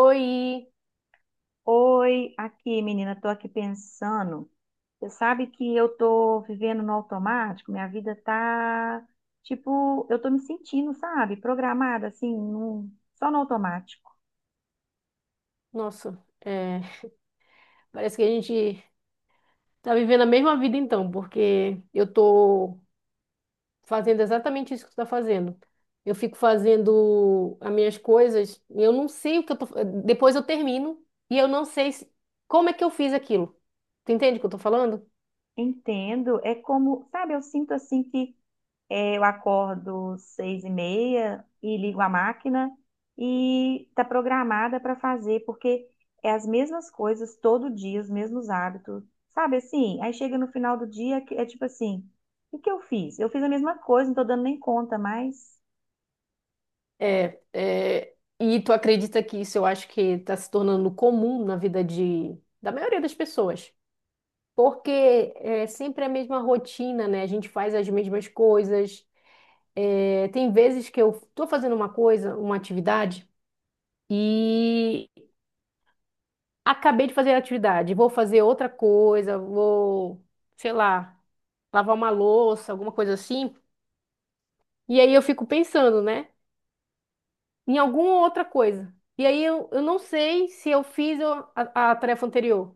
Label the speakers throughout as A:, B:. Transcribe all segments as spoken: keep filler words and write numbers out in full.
A: Oi!
B: Oi, aqui, menina, tô aqui pensando. Você sabe que eu tô vivendo no automático, minha vida tá tipo, eu tô me sentindo, sabe, programada assim, num- só no automático.
A: Nossa, é, parece que a gente tá vivendo a mesma vida então, porque eu tô fazendo exatamente isso que tu tá fazendo. Eu fico fazendo as minhas coisas e eu não sei o que eu tô. Depois eu termino e eu não sei se- como é que eu fiz aquilo. Tu entende o que eu tô falando?
B: Entendo, é como, sabe, eu sinto assim que É, eu acordo seis e meia e ligo a máquina e está programada para fazer, porque é as mesmas coisas todo dia, os mesmos hábitos, sabe assim? Aí chega no final do dia, que é tipo assim, o que eu fiz? Eu fiz a mesma coisa, não tô dando nem conta mais.
A: É, é, e tu acredita que isso eu acho que está se tornando comum na vida de, da maioria das pessoas. Porque é sempre a mesma rotina, né? A gente faz as mesmas coisas. É, tem vezes que eu estou fazendo uma coisa, uma atividade, e acabei de fazer a atividade, vou fazer outra coisa, vou, sei lá, lavar uma louça, alguma coisa assim. E aí eu fico pensando, né, em alguma outra coisa. E aí eu, eu não sei se eu fiz o- a, a tarefa anterior.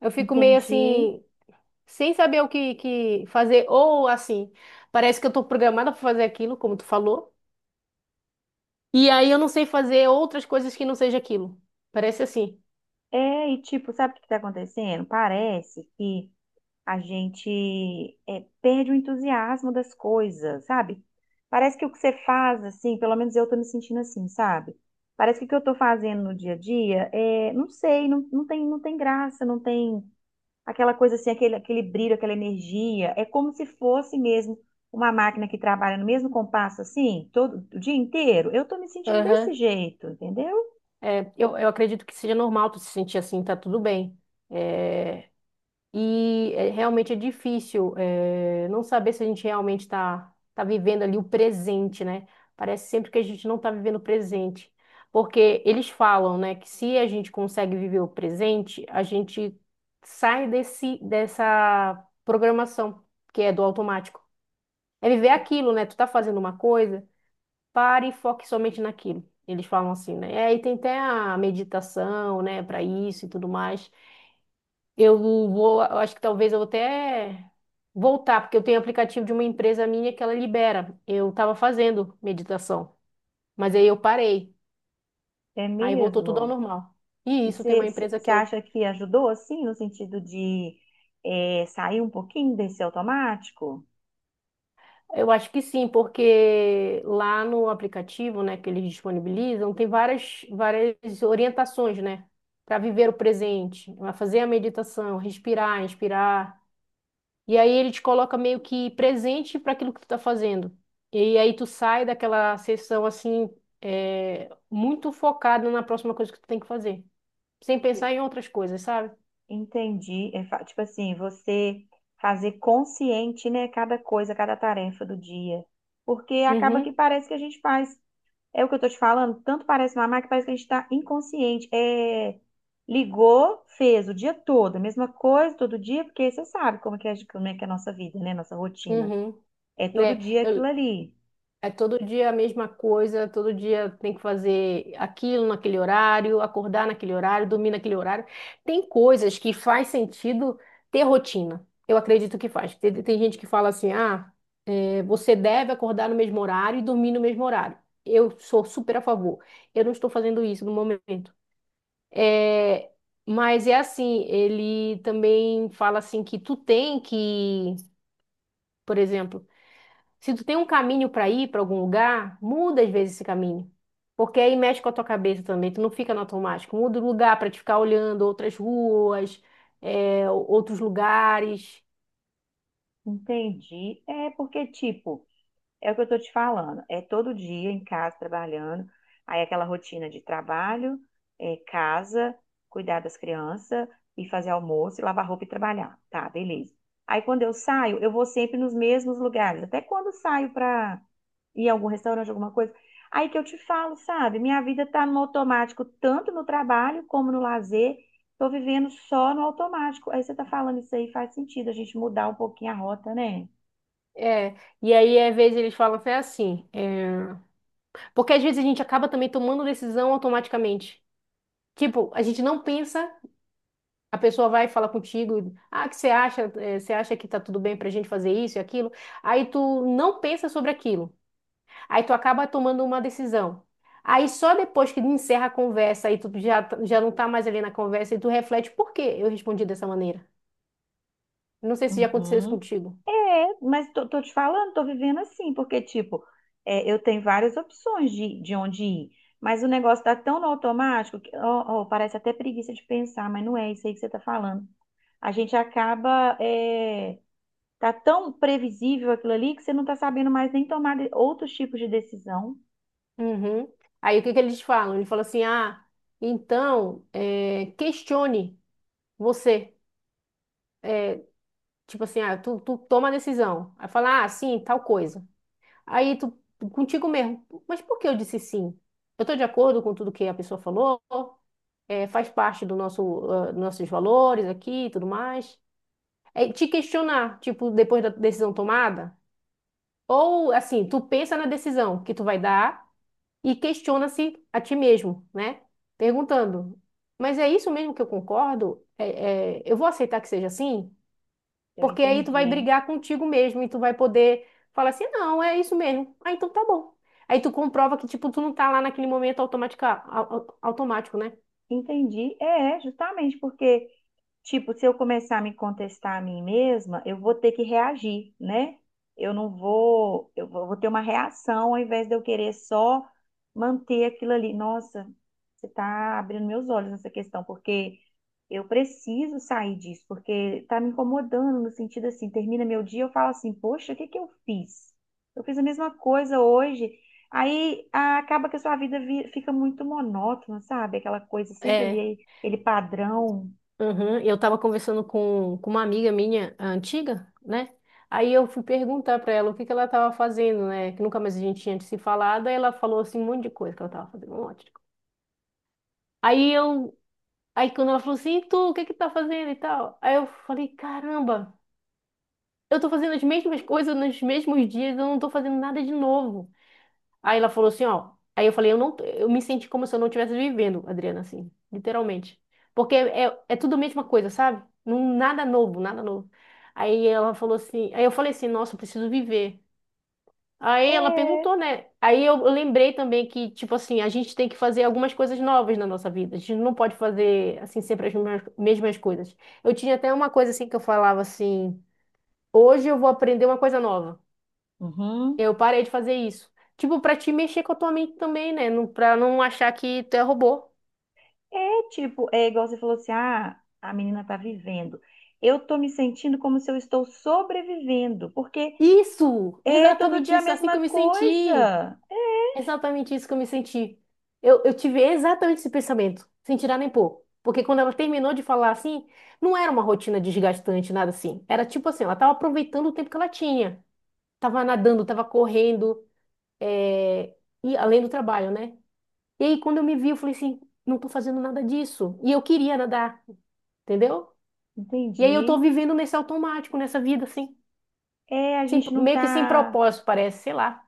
A: Eu fico meio
B: Entendi.
A: assim, sem saber o que, que fazer, ou assim, parece que eu estou programada para fazer aquilo, como tu falou. E aí eu não sei fazer outras coisas que não seja aquilo. Parece assim.
B: É, e tipo, sabe o que está acontecendo? Parece que a gente é, perde o entusiasmo das coisas, sabe? Parece que o que você faz, assim, pelo menos eu tô me sentindo assim, sabe? Parece que o que eu tô fazendo no dia a dia, é, não sei, não, não tem, não tem graça, não tem aquela coisa assim, aquele, aquele brilho, aquela energia. É como se fosse mesmo uma máquina que trabalha no mesmo compasso, assim, todo o dia inteiro. Eu tô me sentindo desse
A: Aham.
B: jeito, entendeu?
A: É, Eu, eu acredito que seja normal tu se sentir assim, tá tudo bem. É, e é, realmente é difícil é, não saber se a gente realmente tá, tá vivendo ali o presente, né? Parece sempre que a gente não tá vivendo o presente. Porque eles falam, né, que se a gente consegue viver o presente, a gente sai desse, dessa programação que é do automático. É viver aquilo, né? Tu tá fazendo uma coisa. Pare e foque somente naquilo. Eles falam assim, né? É, e tem até a meditação, né, para isso e tudo mais. Eu vou, eu acho que talvez eu vou até voltar, porque eu tenho um aplicativo de uma empresa minha que ela libera. Eu estava fazendo meditação, mas aí eu parei.
B: É
A: Aí voltou tudo ao
B: mesmo.
A: normal. E
B: E
A: isso tem uma empresa
B: você
A: que eu
B: acha que ajudou, assim, no sentido de é, sair um pouquinho desse automático?
A: Eu acho que sim, porque lá no aplicativo, né, que eles disponibilizam, tem várias, várias orientações, né, para viver o presente, para fazer a meditação, respirar, inspirar. E aí ele te coloca meio que presente para aquilo que tu tá fazendo. E aí tu sai daquela sessão assim, é, muito focado na próxima coisa que tu tem que fazer, sem
B: E-
A: pensar em outras coisas, sabe?
B: Entendi. É fa- tipo assim, você fazer consciente, né, cada coisa, cada tarefa do dia. Porque acaba que
A: Uhum,
B: parece que a gente faz. É o que eu tô te falando, tanto parece mamar que parece que a gente tá inconsciente. É, ligou, fez o dia todo, a mesma coisa todo dia, porque você sabe como é que é, como é que é a nossa vida, né, nossa rotina.
A: uhum,
B: É todo
A: né?
B: dia aquilo
A: Eu,
B: ali.
A: é todo dia a mesma coisa, todo dia tem que fazer aquilo naquele horário, acordar naquele horário, dormir naquele horário. Tem coisas que faz sentido ter rotina. Eu acredito que faz. Tem, tem gente que fala assim: ah, é, você deve acordar no mesmo horário e dormir no mesmo horário. Eu sou super a favor. Eu não estou fazendo isso no momento. É, mas é assim: ele também fala assim que tu tem que, por exemplo, se tu tem um caminho para ir para algum lugar, muda às vezes esse caminho. Porque aí mexe com a tua cabeça também, tu não fica no automático. Muda o lugar para te ficar olhando outras ruas, é, outros lugares.
B: Entendi. É porque, tipo, é o que eu tô te falando. É todo dia em casa trabalhando. Aí aquela rotina de trabalho, é, casa, cuidar das crianças e fazer almoço, e lavar roupa e trabalhar. Tá, beleza. Aí quando eu saio, eu vou sempre nos mesmos lugares. Até quando eu saio pra ir a algum restaurante, alguma coisa. Aí que eu te falo, sabe? Minha vida tá no automático, tanto no trabalho como no lazer. Tô vivendo só no automático. Aí você tá falando isso aí, faz sentido a gente mudar um pouquinho a rota, né?
A: É. E aí, às vezes, eles falam até assim. é, Porque às vezes a gente acaba também tomando decisão automaticamente. Tipo, a gente não pensa, a pessoa vai falar contigo, ah, que você acha, é, você acha que tá tudo bem pra gente fazer isso e aquilo. Aí tu não pensa sobre aquilo. Aí tu acaba tomando uma decisão. Aí só depois que encerra a conversa e tu já, t- já não tá mais ali na conversa e tu reflete por que eu respondi dessa maneira. Não sei se já aconteceu isso
B: Uhum.
A: contigo.
B: É, mas tô, tô te falando, tô vivendo assim, porque, tipo, é, eu tenho várias opções de, de onde ir, mas o negócio tá tão no automático que ó, ó, parece até preguiça de pensar, mas não é isso aí que você tá falando. A gente acaba, é, tá tão previsível aquilo ali que você não tá sabendo mais nem tomar de- outros tipos de decisão.
A: Uhum. Aí o que que eles falam? Ele fala assim, ah, então, eh, questione você. Tipo assim, ah, tu, tu toma a decisão. Aí fala, ah, sim, tal coisa. Aí tu, contigo mesmo, mas por que eu disse sim? Eu tô de acordo com tudo que a pessoa falou, é faz parte do nosso, ah, nossos valores aqui e tudo mais. É te questionar, tipo, depois da decisão tomada. Ou, assim, tu pensa na decisão que tu vai dar e questiona-se a ti mesmo, né? Perguntando, mas é isso mesmo que eu concordo? É- é, eu vou aceitar que seja assim?
B: Eu
A: Porque aí tu vai
B: entendi.
A: brigar contigo mesmo e tu vai poder falar assim, não, é isso mesmo. Ah, então tá bom. Aí tu comprova que, tipo, tu não tá lá naquele momento automática, au- au- automático, né?
B: Entendi. É, justamente porque. Tipo, se eu começar a me contestar a mim mesma, eu vou ter que reagir, né? Eu não vou, eu vou vou ter uma reação ao invés de eu querer só manter aquilo ali. Nossa, você tá abrindo meus olhos nessa questão, porque eu preciso sair disso, porque tá me incomodando no sentido assim, termina meu dia, eu falo assim, poxa, o que que eu fiz? Eu fiz a mesma coisa hoje. Aí ah, acaba que a sua vida vi- fica muito monótona, sabe? Aquela coisa sempre
A: É.
B: ali, aquele padrão.
A: Uhum. Eu estava conversando com, com uma amiga minha a antiga, né? Aí eu fui perguntar para ela o que que ela estava fazendo, né? Que nunca mais a gente tinha se falado. Aí ela falou assim um monte de coisa que ela estava fazendo, um monte de coisa. Aí eu, aí quando ela falou assim, "E tu, o que que tá fazendo e tal? Aí eu falei, caramba, eu tô fazendo as mesmas coisas nos mesmos dias, eu não tô fazendo nada de novo. Aí ela falou assim, ó. Aí eu falei, eu não, eu me senti como se eu não estivesse vivendo, Adriana, assim, literalmente. Porque é, é tudo a mesma coisa, sabe? Não, nada novo, nada novo. Aí ela falou assim, aí eu falei assim, nossa, eu preciso viver. Aí ela
B: É.
A: perguntou, né? Aí eu eu lembrei também que, tipo assim, a gente tem que fazer algumas coisas novas na nossa vida. A gente não pode fazer, assim, sempre as mesmas, mesmas coisas. Eu tinha até uma coisa, assim, que eu falava assim, hoje eu vou aprender uma coisa nova.
B: Uhum.
A: Eu parei de fazer isso. Tipo, pra te mexer com a tua mente também, né? Não, pra não achar que tu é robô.
B: É tipo, é igual você falou assim, ah, a menina tá vivendo. Eu tô me sentindo como se eu estou sobrevivendo, porque
A: Isso!
B: é todo
A: Exatamente
B: dia a
A: isso, é assim que
B: mesma
A: eu me senti.
B: coisa.
A: Exatamente isso que eu me senti. Eu, eu tive exatamente esse pensamento, sem tirar nem pôr. Porque quando ela terminou de falar assim, não era uma rotina desgastante, nada assim. Era tipo assim, ela tava aproveitando o tempo que ela tinha. Tava nadando, tava correndo, é, e além do trabalho, né? E aí, quando eu me vi, eu falei assim, não tô fazendo nada disso. E eu queria nadar, entendeu? E aí eu tô
B: Entendi.
A: vivendo nesse automático, nessa vida, assim.
B: É, a
A: Sem-
B: gente não
A: meio que sem
B: tá
A: propósito, parece, sei lá.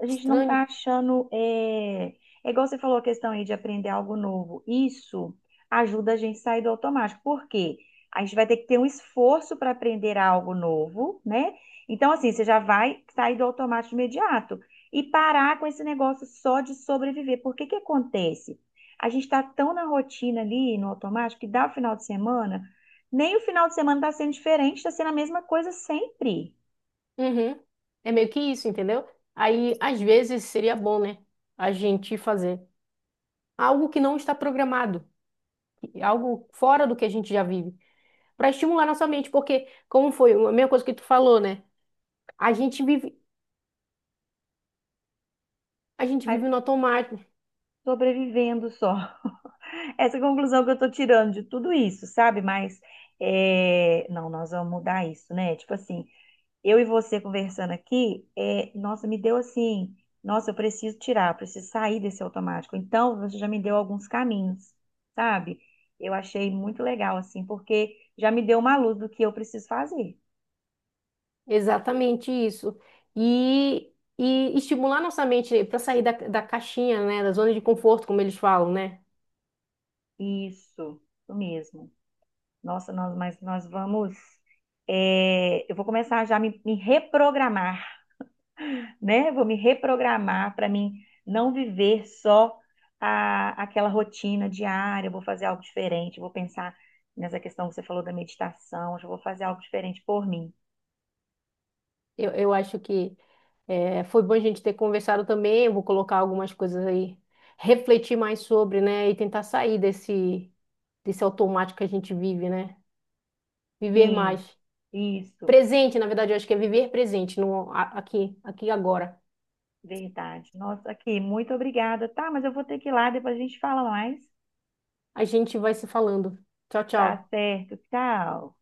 B: a gente não tá
A: Estranho.
B: achando. É, é igual você falou a questão aí de aprender algo novo. Isso ajuda a gente a sair do automático. Por quê? A gente vai ter que ter um esforço para aprender algo novo, né? Então, assim, você já vai sair do automático imediato e parar com esse negócio só de sobreviver. Por que que acontece? A gente está tão na rotina ali, no automático, que dá o final de semana, nem o final de semana está sendo diferente, está sendo a mesma coisa sempre,
A: Uhum. É meio que isso, entendeu? Aí, às vezes, seria bom, né? A gente fazer algo que não está programado, algo fora do que a gente já vive, para estimular nossa mente, porque, como foi a mesma coisa que tu falou, né? A gente vive, a gente
B: A-
A: vive no automático.
B: sobrevivendo só. Essa conclusão que eu tô tirando de tudo isso, sabe? Mas é, não, nós vamos mudar isso, né? Tipo assim, eu e você conversando aqui, é, nossa, me deu assim, nossa, eu preciso tirar, eu preciso sair desse automático. Então, você já me deu alguns caminhos, sabe? Eu achei muito legal, assim, porque já me deu uma luz do que eu preciso fazer.
A: Exatamente isso. E, e estimular nossa mente para sair da, da caixinha, né? Da zona de conforto, como eles falam, né?
B: Isso, isso mesmo. Nossa, nós, mas nós vamos. É, eu vou começar já a me me reprogramar. Né? Vou me reprogramar para mim não viver só a, aquela rotina diária, eu vou fazer algo diferente, vou pensar nessa questão que você falou da meditação, hoje eu já vou fazer algo diferente por mim.
A: Eu, eu acho que eh, foi bom a gente ter conversado também. Eu vou colocar algumas coisas aí, refletir mais sobre, né? E tentar sair desse, desse automático que a gente vive, né? Viver mais.
B: Sim, isso,
A: Presente, na verdade, eu acho que é viver presente, no, a- aqui, aqui e agora.
B: verdade. Nossa, aqui, muito obrigada, tá? Mas eu vou ter que ir lá, depois a gente fala mais.
A: A gente vai se falando. Tchau,
B: Tá
A: tchau.
B: certo, tchau.